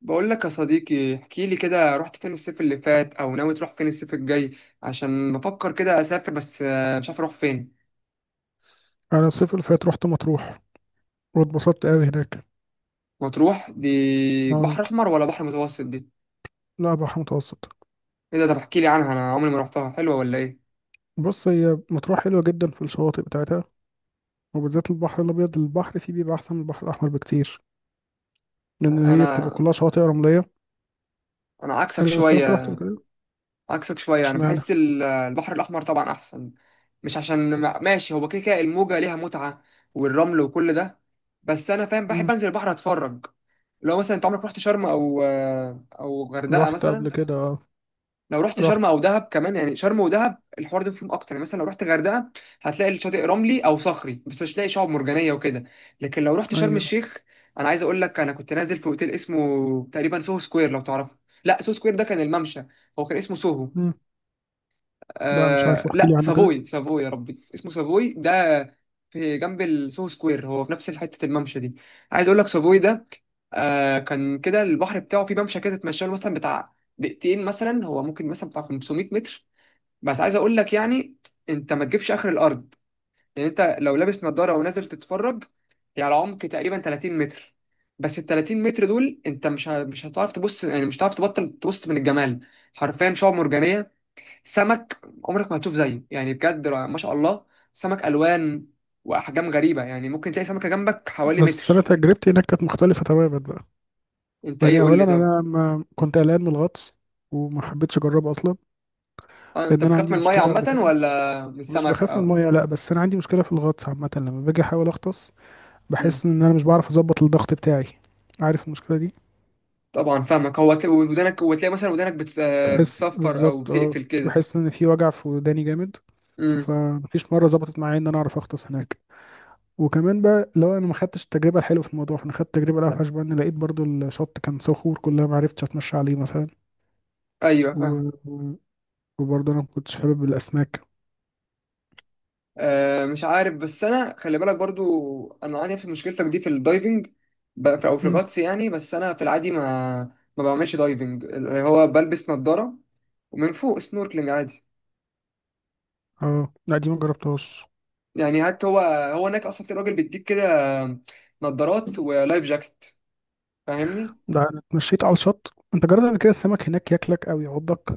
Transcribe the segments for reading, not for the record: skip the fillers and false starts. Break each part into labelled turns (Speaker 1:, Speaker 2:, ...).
Speaker 1: بقول لك يا صديقي، احكي لي كده رحت فين الصيف اللي فات او ناوي تروح فين الصيف الجاي؟ عشان بفكر كده اسافر، بس مش عارف اروح فين.
Speaker 2: انا الصيف اللي فات رحت مطروح، واتبسطت قوي هناك.
Speaker 1: مطروح دي
Speaker 2: اه،
Speaker 1: بحر احمر ولا بحر متوسط دي؟
Speaker 2: لا بحر متوسط.
Speaker 1: ايه ده؟ طب احكي لي عنها، انا عمري ما رحتها، حلوه ولا ايه؟
Speaker 2: بص، هي مطروح حلوه جدا في الشواطئ بتاعتها، وبالذات البحر الابيض. البحر فيه بيبقى احسن من البحر الاحمر بكتير، لان هي بتبقى
Speaker 1: انا
Speaker 2: كلها شواطئ رمليه.
Speaker 1: انا عكسك
Speaker 2: انا الصراحه رحت قبل
Speaker 1: شويه.
Speaker 2: كده.
Speaker 1: عكسك شويه، انا
Speaker 2: اشمعنى؟
Speaker 1: بحس البحر الاحمر طبعا احسن. مش عشان ماشي، هو كده كده الموجه ليها متعه والرمل وكل ده. بس انا فاهم، بحب
Speaker 2: مم.
Speaker 1: انزل البحر اتفرج. لو مثلا انت عمرك رحت شرم او غردقه
Speaker 2: رحت
Speaker 1: مثلا.
Speaker 2: قبل كده، اه.
Speaker 1: لو رحت شرم
Speaker 2: رحت.
Speaker 1: او دهب كمان، يعني شرم ودهب الحوار ده فيهم اكتر، يعني مثلا لو رحت غردقه هتلاقي الشاطئ رملي او صخري، بس مش هتلاقي شعاب مرجانيه وكده. لكن لو رحت شرم
Speaker 2: ايوه.
Speaker 1: الشيخ، انا عايز اقول لك، انا كنت نازل في اوتيل اسمه تقريبا سوهو سكوير لو تعرفه. لا، سوهو سكوير ده كان الممشى، هو كان اسمه سوهو.
Speaker 2: مم. لا، مش عارف،
Speaker 1: آه
Speaker 2: احكي
Speaker 1: لا،
Speaker 2: لي عنه كده.
Speaker 1: سافوي، سافوي يا ربي اسمه، سافوي ده في جنب السو سكوير، هو في نفس حتة الممشى دي. عايز اقول لك سافوي ده، آه كان كده البحر بتاعه في ممشى كده تتمشى له مثلا بتاع دقيقتين، مثلا هو ممكن مثلا بتاع 500 متر. بس عايز اقول لك يعني، انت ما تجيبش اخر الارض، يعني انت لو لابس نظارة ونازل تتفرج هي على عمق تقريبا 30 متر. بس ال 30 متر دول انت مش هتعرف تبص، يعني مش هتعرف تبطل تبص من الجمال. حرفيا شعاب مرجانية، سمك عمرك ما هتشوف زيه يعني، بجد ما شاء الله. سمك الوان واحجام غريبه، يعني ممكن تلاقي سمكه جنبك حوالي
Speaker 2: بس انا
Speaker 1: متر.
Speaker 2: تجربتي هناك كانت مختلفه تماما بقى.
Speaker 1: انت ايه؟
Speaker 2: يعني
Speaker 1: قول لي
Speaker 2: اولا
Speaker 1: طب.
Speaker 2: انا ما كنت قلقان من الغطس، وما حبيتش اجربه اصلا.
Speaker 1: انت
Speaker 2: لان انا
Speaker 1: بتخاف
Speaker 2: عندي
Speaker 1: من الميه
Speaker 2: مشكله قبل
Speaker 1: عامه
Speaker 2: كده.
Speaker 1: ولا من
Speaker 2: مش
Speaker 1: السمك
Speaker 2: بخاف من
Speaker 1: او؟
Speaker 2: المية، لا، بس انا عندي مشكله في الغطس عامه. لما باجي احاول اغطس
Speaker 1: مم.
Speaker 2: بحس ان انا مش بعرف اظبط الضغط بتاعي. عارف المشكله دي؟
Speaker 1: طبعا فاهمك، هو تلاقي ودانك وتلاقي مثلا ودانك بت... آه،
Speaker 2: بحس
Speaker 1: بتصفر او
Speaker 2: بالظبط، اه.
Speaker 1: بتقفل كده.
Speaker 2: بحس ان في وجع في وداني جامد.
Speaker 1: امم.
Speaker 2: فمفيش مره ظبطت معايا ان انا اعرف اغطس هناك. وكمان بقى لو انا ما خدتش التجربه الحلوه في الموضوع، فانا خدت التجربه الاوحش بقى، ان لقيت برضو الشط كان صخور كلها، ما عرفتش اتمشى عليه مثلا.
Speaker 1: ايوه فاهم.
Speaker 2: و... وبرضو انا ما كنتش حابب الاسماك.
Speaker 1: آه مش عارف، بس انا خلي بالك برضو انا عندي نفس مشكلتك دي في الدايفنج، ب- في- او في
Speaker 2: مم.
Speaker 1: الغطس يعني. بس انا في العادي ما بعملش دايفنج، اللي هو بلبس نظارة ومن فوق سنوركلينج عادي.
Speaker 2: اه لا، دي ما جربتهاش.
Speaker 1: يعني حتى هو هناك اصلا في راجل بيديك كده نظارات ولايف جاكيت، فاهمني.
Speaker 2: لا، انا اتمشيت على الشط. انت جربت قبل كده السمك هناك ياكلك او يعضك؟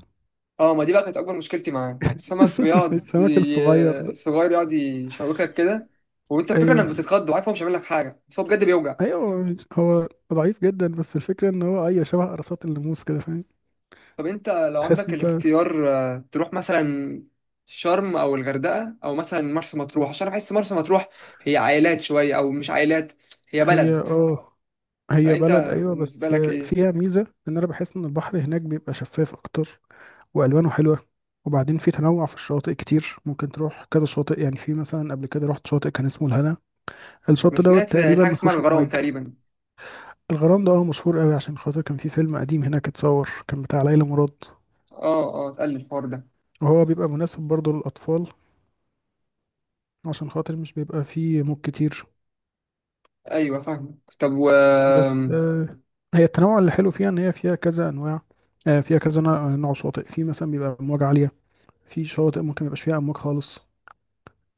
Speaker 1: اه، ما دي بقى كانت اكبر مشكلتي معاه، السمك
Speaker 2: السمك الصغير ده.
Speaker 1: صغير يقعد يشوكك كده. وانت الفكره
Speaker 2: ايوه.
Speaker 1: انك بتتخض، وعارف هو مش هيعمل لك حاجه، بس هو بجد بيوجع.
Speaker 2: ايوه هو ضعيف جدا، بس الفكره ان هو ايوه شبه قرصات الناموس كده، فاهم؟
Speaker 1: طب انت لو
Speaker 2: تحس
Speaker 1: عندك
Speaker 2: انت.
Speaker 1: الاختيار، تروح مثلا شرم او الغردقه او مثلا مرسى مطروح؟ عشان بحس مرسى مطروح هي عائلات شويه، او مش عائلات، هي
Speaker 2: هي
Speaker 1: بلد.
Speaker 2: اه هي
Speaker 1: فانت
Speaker 2: بلد، ايوه،
Speaker 1: بالنسبه
Speaker 2: بس
Speaker 1: لك ايه؟
Speaker 2: فيها ميزه. ان انا بحس ان البحر هناك بيبقى شفاف اكتر، والوانه حلوه. وبعدين في تنوع في الشواطئ كتير، ممكن تروح كذا شاطئ. يعني في مثلا قبل كده رحت شاطئ كان اسمه الهنا.
Speaker 1: انا
Speaker 2: الشاطئ
Speaker 1: سمعت
Speaker 2: دوت
Speaker 1: في
Speaker 2: تقريبا
Speaker 1: حاجه
Speaker 2: ما
Speaker 1: اسمها
Speaker 2: فيهوش
Speaker 1: الغرام
Speaker 2: امواج.
Speaker 1: تقريبا.
Speaker 2: الغرام ده اه، مشهور قوي عشان خاطر كان في فيلم قديم هناك اتصور، كان بتاع ليلى مراد.
Speaker 1: اه اه، اتقل الحوار ده.
Speaker 2: وهو بيبقى مناسب برضه للأطفال، عشان خاطر مش بيبقى فيه موج كتير.
Speaker 1: ايوه فاهمك، طب و،
Speaker 2: بس آه، هي التنوع اللي حلو فيها ان هي فيها كذا انواع. فيها كذا نوع شواطئ. في مثلا بيبقى امواج عاليه. في شواطئ ممكن ميبقاش فيها امواج خالص،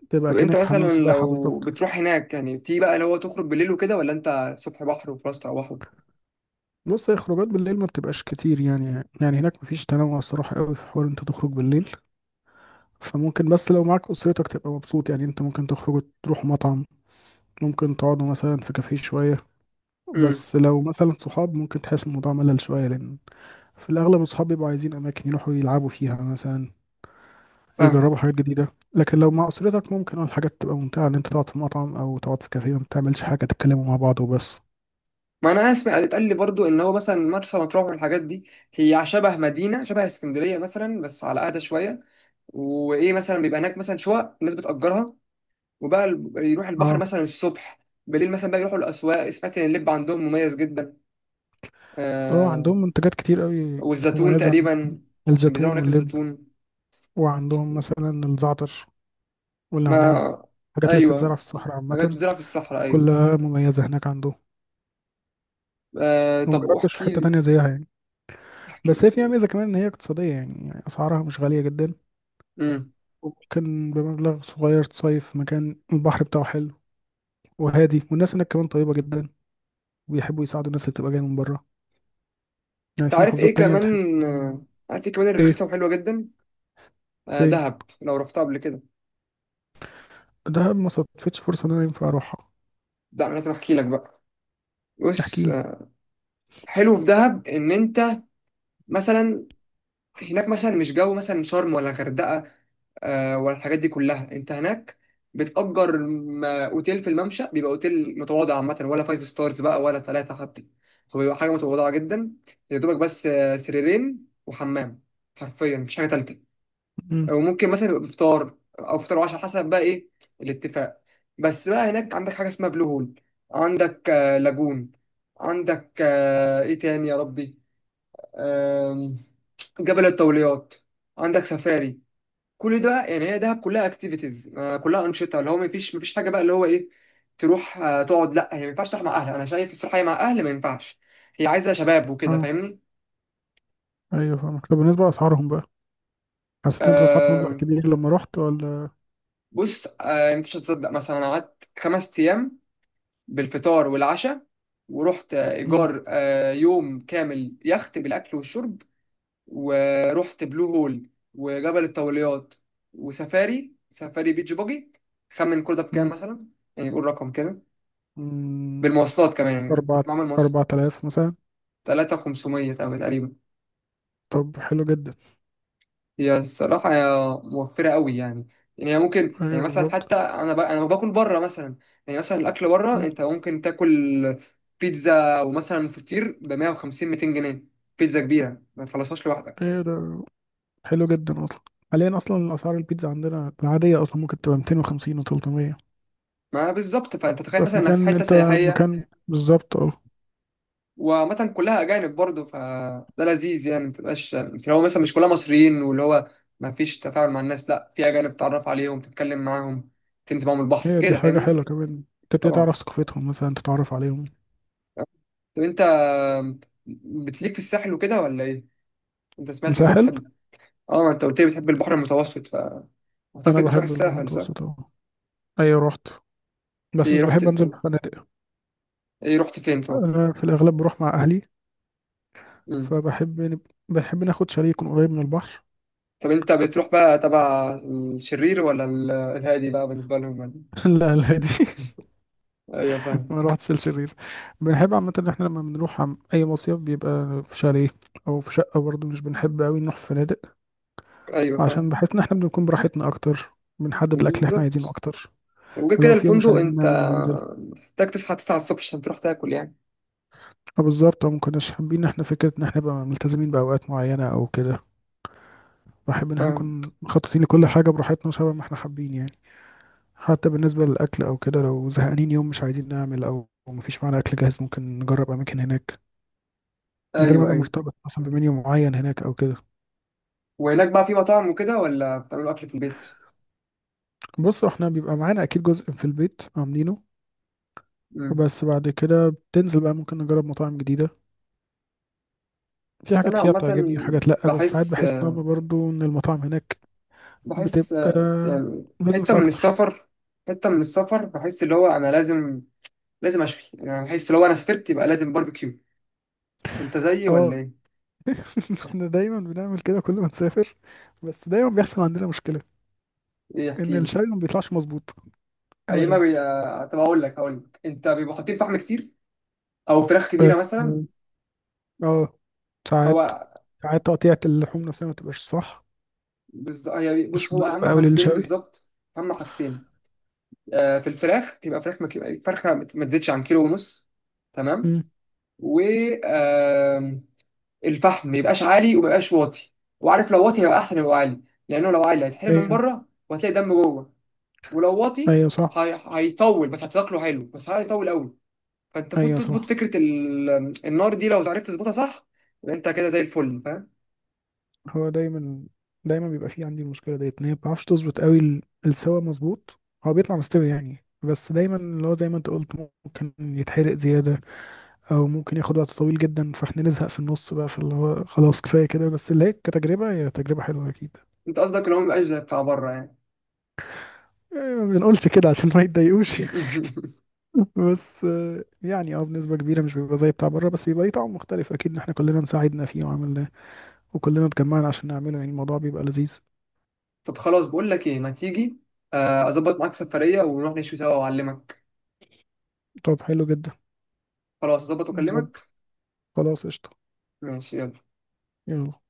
Speaker 2: تبقى
Speaker 1: طب انت
Speaker 2: كأنك في حمام
Speaker 1: مثلا
Speaker 2: سباحه
Speaker 1: لو
Speaker 2: بالظبط.
Speaker 1: بتروح هناك يعني في بقى اللي هو تخرج بالليل وكده، ولا انت صبح بحر وفي راس بحر؟
Speaker 2: بص، هي خروجات بالليل ما بتبقاش كتير يعني. يعني هناك مفيش تنوع الصراحه قوي في حوار انت تخرج بالليل. فممكن، بس لو معاك اسرتك تبقى مبسوط، يعني انت ممكن تخرجوا تروحوا مطعم، ممكن تقعدوا مثلا في كافيه شويه.
Speaker 1: امم.
Speaker 2: بس لو مثلا صحاب ممكن تحس الموضوع ملل شويه، لان في الأغلب أصحابي بيبقوا عايزين أماكن يروحوا يلعبوا فيها مثلا،
Speaker 1: فاهم.
Speaker 2: يجربوا حاجات جديدة. لكن لو مع أسرتك ممكن اه الحاجات تبقى ممتعة، إن أنت تقعد في مطعم أو تقعد في كافيه، ما بتعملش حاجة، تتكلموا مع بعض وبس.
Speaker 1: ما انا اسمع اتقال لي برضو ان هو مثلا مرسى مطروح والحاجات دي هي شبه مدينه، شبه اسكندريه مثلا بس على قاعده شويه. وايه مثلا بيبقى هناك مثلا شقق الناس بتأجرها، وبقى يروح البحر
Speaker 2: اه.
Speaker 1: مثلا الصبح، بالليل مثلا بقى يروحوا الاسواق. سمعت ان اللب عندهم مميز جدا.
Speaker 2: اه
Speaker 1: آه،
Speaker 2: عندهم منتجات كتير أوي.
Speaker 1: والزيتون
Speaker 2: مميزة.
Speaker 1: تقريبا، عشان بيزرعوا
Speaker 2: الزيتون
Speaker 1: هناك
Speaker 2: واللب.
Speaker 1: الزيتون.
Speaker 2: وعندهم مثلا الزعتر والنعناع.
Speaker 1: ما
Speaker 2: الحاجات اللي بتتزرع
Speaker 1: ايوه،
Speaker 2: في الصحراء
Speaker 1: حاجات
Speaker 2: عامة،
Speaker 1: بتزرع في الصحراء ايوه.
Speaker 2: كلها مميزة هناك عندهم.
Speaker 1: آه
Speaker 2: وما
Speaker 1: طب
Speaker 2: جربتش في
Speaker 1: واحكي
Speaker 2: حتة
Speaker 1: لي،
Speaker 2: تانية زيها يعني.
Speaker 1: احكي لي.
Speaker 2: بس هي فيها ميزة كمان إن هي اقتصادية، يعني أسعارها مش غالية جدا.
Speaker 1: امم.
Speaker 2: وممكن بمبلغ صغير تصيف في مكان البحر بتاعه حلو وهادي، والناس هناك كمان طيبة جدا ويحبوا يساعدوا الناس اللي بتبقى جاية من بره، يعني في
Speaker 1: تعرف ايه
Speaker 2: محافظات تانية بتحس
Speaker 1: كمان، عارف ايه كمان
Speaker 2: ايه.
Speaker 1: الرخيصه وحلوه جدا؟ آه
Speaker 2: فين؟
Speaker 1: دهب، لو رحتها قبل كده.
Speaker 2: دهب ما صدفتش فرصة ان انا ينفع اروحها.
Speaker 1: لا أنا لازم احكي لك بقى.
Speaker 2: احكي
Speaker 1: بص،
Speaker 2: لي.
Speaker 1: حلو في دهب ان انت مثلا، هناك مثلا مش جو مثلا شرم ولا غردقه ولا الحاجات دي كلها. انت هناك بتأجر اوتيل في الممشى، بيبقى اوتيل متواضع عامة، ولا فايف ستارز بقى ولا ثلاثة حتى، هو بيبقى حاجة متواضعة جدا. يا دوبك بس سريرين وحمام، حرفيا مفيش حاجة تالتة.
Speaker 2: مم.
Speaker 1: وممكن مثلا يبقى بفطار او فطار وعشاء، حسب بقى ايه الاتفاق. بس بقى هناك عندك حاجه اسمها بلو هول، عندك لاجون، عندك ايه تاني يا ربي، آم، جبل الطوليات، عندك سفاري. كل ده يعني، هي دهب كلها اكتيفيتيز، كلها انشطه، اللي هو ما فيش حاجه بقى اللي هو ايه، تروح تقعد. لا هي ما ينفعش تروح مع اهل، انا شايف الصراحه هي مع اهل ما ينفعش، هي عايزه شباب وكده،
Speaker 2: اه.
Speaker 1: فاهمني.
Speaker 2: ايوه فاهمك. طب بالنسبة لأسعارهم بقى، حسيت ان انت دفعت
Speaker 1: آم،
Speaker 2: مبلغ كبير لما رحت ولا؟
Speaker 1: بص، انت مش هتصدق، مثلا انا قعدت 5 ايام بالفطار والعشاء، ورحت
Speaker 2: مم.
Speaker 1: إيجار يوم كامل يخت بالأكل والشرب، ورحت بلو هول وجبل الطوليات وسفاري، سفاري بيتش باجي. خمن كل ده بكام
Speaker 2: مم.
Speaker 1: مثلا؟ يعني قول رقم كده،
Speaker 2: مم.
Speaker 1: بالمواصلات كمان يعني
Speaker 2: أربعة
Speaker 1: معمل مصر.
Speaker 2: أربعة آلاف مثلا.
Speaker 1: 3500 تقريبا.
Speaker 2: طب حلو جدا.
Speaker 1: هي الصراحة هي موفرة قوي يعني. يعني هي ممكن يعني
Speaker 2: ايوه
Speaker 1: مثلا،
Speaker 2: بالظبط.
Speaker 1: حتى أنا أنا باكل بره مثلا، يعني مثلا الأكل بره
Speaker 2: مم.
Speaker 1: أنت ممكن تاكل بيتزا ومثلا فطير ب 150 200 جنيه، بيتزا كبيرة ما تخلصهاش لوحدك.
Speaker 2: ايوه ده حلو جدا اصلا. حاليا اصلا اسعار البيتزا عندنا العادية اصلا ممكن تبقى 250 و300.
Speaker 1: ما بالظبط، فأنت تخيل
Speaker 2: تبقى في
Speaker 1: مثلا إنك في حتة سياحية.
Speaker 2: مكان بالظبط، اه.
Speaker 1: وعامة كلها أجانب برضه، فده لذيذ يعني، ما تبقاش اللي هو مثلا مش كلها مصريين واللي هو ما فيش تفاعل مع الناس، لا في أجانب تتعرف عليهم، تتكلم معاهم، تنزل معاهم البحر
Speaker 2: هي دي
Speaker 1: كده،
Speaker 2: حاجة
Speaker 1: فاهمني.
Speaker 2: حلوة كمان. تبتدي
Speaker 1: طبعا.
Speaker 2: تعرف ثقافتهم مثلا، تتعرف عليهم.
Speaker 1: طب انت بتليك في الساحل وكده ولا ايه؟ انت سمعت
Speaker 2: الساحل.
Speaker 1: بتحب. اه، ما انت قلت لي بتحب البحر المتوسط،
Speaker 2: أنا
Speaker 1: فاعتقد بتروح
Speaker 2: بحب البحر
Speaker 1: الساحل صح؟
Speaker 2: المتوسط أهو. أيوة، رحت. بس
Speaker 1: ايه
Speaker 2: مش
Speaker 1: رحت
Speaker 2: بحب أنزل في
Speaker 1: فين؟
Speaker 2: فنادق.
Speaker 1: ايه رحت فين طب؟
Speaker 2: أنا في الأغلب بروح مع أهلي.
Speaker 1: مم.
Speaker 2: فبحب بحب ناخد شاليه يكون قريب من البحر.
Speaker 1: طب انت بتروح بقى تبع الشرير ولا الهادي بقى بالنسبة لهم ولا؟
Speaker 2: لا، لا، دي.
Speaker 1: ايوه فاهم.
Speaker 2: ما روحتش الشرير. بنحب عامة إن إحنا لما بنروح عم أي مصيف بيبقى في شاليه أو في شقة برضه، مش بنحب أوي نروح في فنادق.
Speaker 1: ايوه
Speaker 2: عشان
Speaker 1: فاهم.
Speaker 2: بحس إن إحنا بنكون براحتنا أكتر. بنحدد الأكل اللي إحنا عايزينه
Speaker 1: بالظبط.
Speaker 2: أكتر.
Speaker 1: وغير كده
Speaker 2: لو في يوم مش
Speaker 1: الفندق
Speaker 2: عايزين
Speaker 1: انت
Speaker 2: نعمل وننزل.
Speaker 1: محتاج تصحى 9 الصبح عشان تروح تاكل يعني.
Speaker 2: اه بالظبط، اه. مكناش حابين احنا فكرة ان احنا نبقى ملتزمين بأوقات معينة او كده. بحب ان احنا
Speaker 1: فاهم.
Speaker 2: نكون مخططين لكل حاجة براحتنا وشبه ما احنا حابين يعني. حتى بالنسبة للأكل او كده، لو زهقانين يوم مش عايزين نعمل او مفيش معانا أكل جاهز، ممكن نجرب أماكن هناك من غير ما
Speaker 1: ايوه
Speaker 2: ابقى
Speaker 1: ايوه.
Speaker 2: مرتبط مثلا بمنيو معين هناك او كده.
Speaker 1: وهناك بقى في مطاعم وكده ولا بتعملوا اكل في البيت؟
Speaker 2: بص، احنا بيبقى معانا اكيد جزء في البيت عاملينه.
Speaker 1: مم.
Speaker 2: بس بعد كده بتنزل بقى، ممكن نجرب مطاعم جديدة. في
Speaker 1: بس
Speaker 2: حاجات
Speaker 1: انا
Speaker 2: فيها
Speaker 1: عامة
Speaker 2: بتعجبني وحاجات لأ، بس ساعات
Speaker 1: بحس
Speaker 2: بحس ان هما برضه ان المطاعم هناك
Speaker 1: بحس
Speaker 2: بتبقى
Speaker 1: يعني حتة
Speaker 2: بزنس
Speaker 1: من
Speaker 2: اكتر.
Speaker 1: السفر، حتة من السفر بحس اللي هو أنا لازم أشفي. يعني أنا بحس لو أنا سافرت يبقى لازم باربيكيو. أنت زيي ولا
Speaker 2: اه.
Speaker 1: إيه؟
Speaker 2: احنا دايما بنعمل كده كل ما نسافر. بس دايما بيحصل عندنا مشكلة.
Speaker 1: إيه
Speaker 2: ان
Speaker 1: احكي لي.
Speaker 2: الشاي ما بيطلعش مظبوط،
Speaker 1: أيما
Speaker 2: ابدا.
Speaker 1: بي... آه، طب أقول لك أنت بيبقوا حاطين فحم كتير، أو فراخ
Speaker 2: ف-
Speaker 1: كبيرة مثلا.
Speaker 2: اه. ساعات
Speaker 1: هو
Speaker 2: ساعات تقطيعة اللحوم نفسها ما تبقاش صح،
Speaker 1: هي بص،
Speaker 2: مش
Speaker 1: هو أهم
Speaker 2: مناسبة أوي
Speaker 1: حاجتين
Speaker 2: للشوي.
Speaker 1: بالظبط، أهم حاجتين في الفراخ، تبقى فراخ فرخة ما تزيدش عن 1.5 كيلو. تمام.
Speaker 2: امم.
Speaker 1: و الفحم ما يبقاش عالي وما يبقاش واطي، وعارف لو واطي هيبقى احسن يبقى عالي، لانه لو عالي هيتحرق من
Speaker 2: ايوه.
Speaker 1: بره وهتلاقي دم جوه. ولو واطي
Speaker 2: ايوه صح.
Speaker 1: هيطول، بس هتاكله حلو، بس هيطول قوي. فانت فوت
Speaker 2: ايوه
Speaker 1: تظبط
Speaker 2: صح.
Speaker 1: فكره النار دي، لو عرفت تظبطها صح يبقى انت كده زي الفل، فاهم.
Speaker 2: هو دايما بيبقى فيه عندي المشكلة ديت، ان هي ما بتعرفش تظبط قوي السوا مظبوط. هو بيطلع مستوي يعني، بس دايما اللي هو زي ما انت قلت، ممكن يتحرق زيادة او ممكن ياخد وقت طويل جدا، فاحنا نزهق في النص بقى، فاللي هو خلاص كفايه كده. بس اللي هي كتجربه هي تجربه حلوه اكيد.
Speaker 1: انت قصدك لو ما يبقاش زي بتاع بره يعني.
Speaker 2: يعني ما بنقولش كده عشان ما يتضايقوش بس آه، يعني اه بنسبه كبيره مش بيبقى زي بتاع بره، بس بيبقى ليه طعم مختلف اكيد، ان احنا كلنا مساعدنا فيه وعملناه وكلنا اتجمعنا عشان نعمله. يعني الموضوع بيبقى لذيذ.
Speaker 1: طب خلاص، بقول لك ايه، ما تيجي اظبط معاك سفريه ونروح نشوي سوا واعلمك.
Speaker 2: طب حلو جدا.
Speaker 1: خلاص اظبط
Speaker 2: بالظبط.
Speaker 1: واكلمك.
Speaker 2: خلاص قشطه.
Speaker 1: ماشي يلا.
Speaker 2: يلا.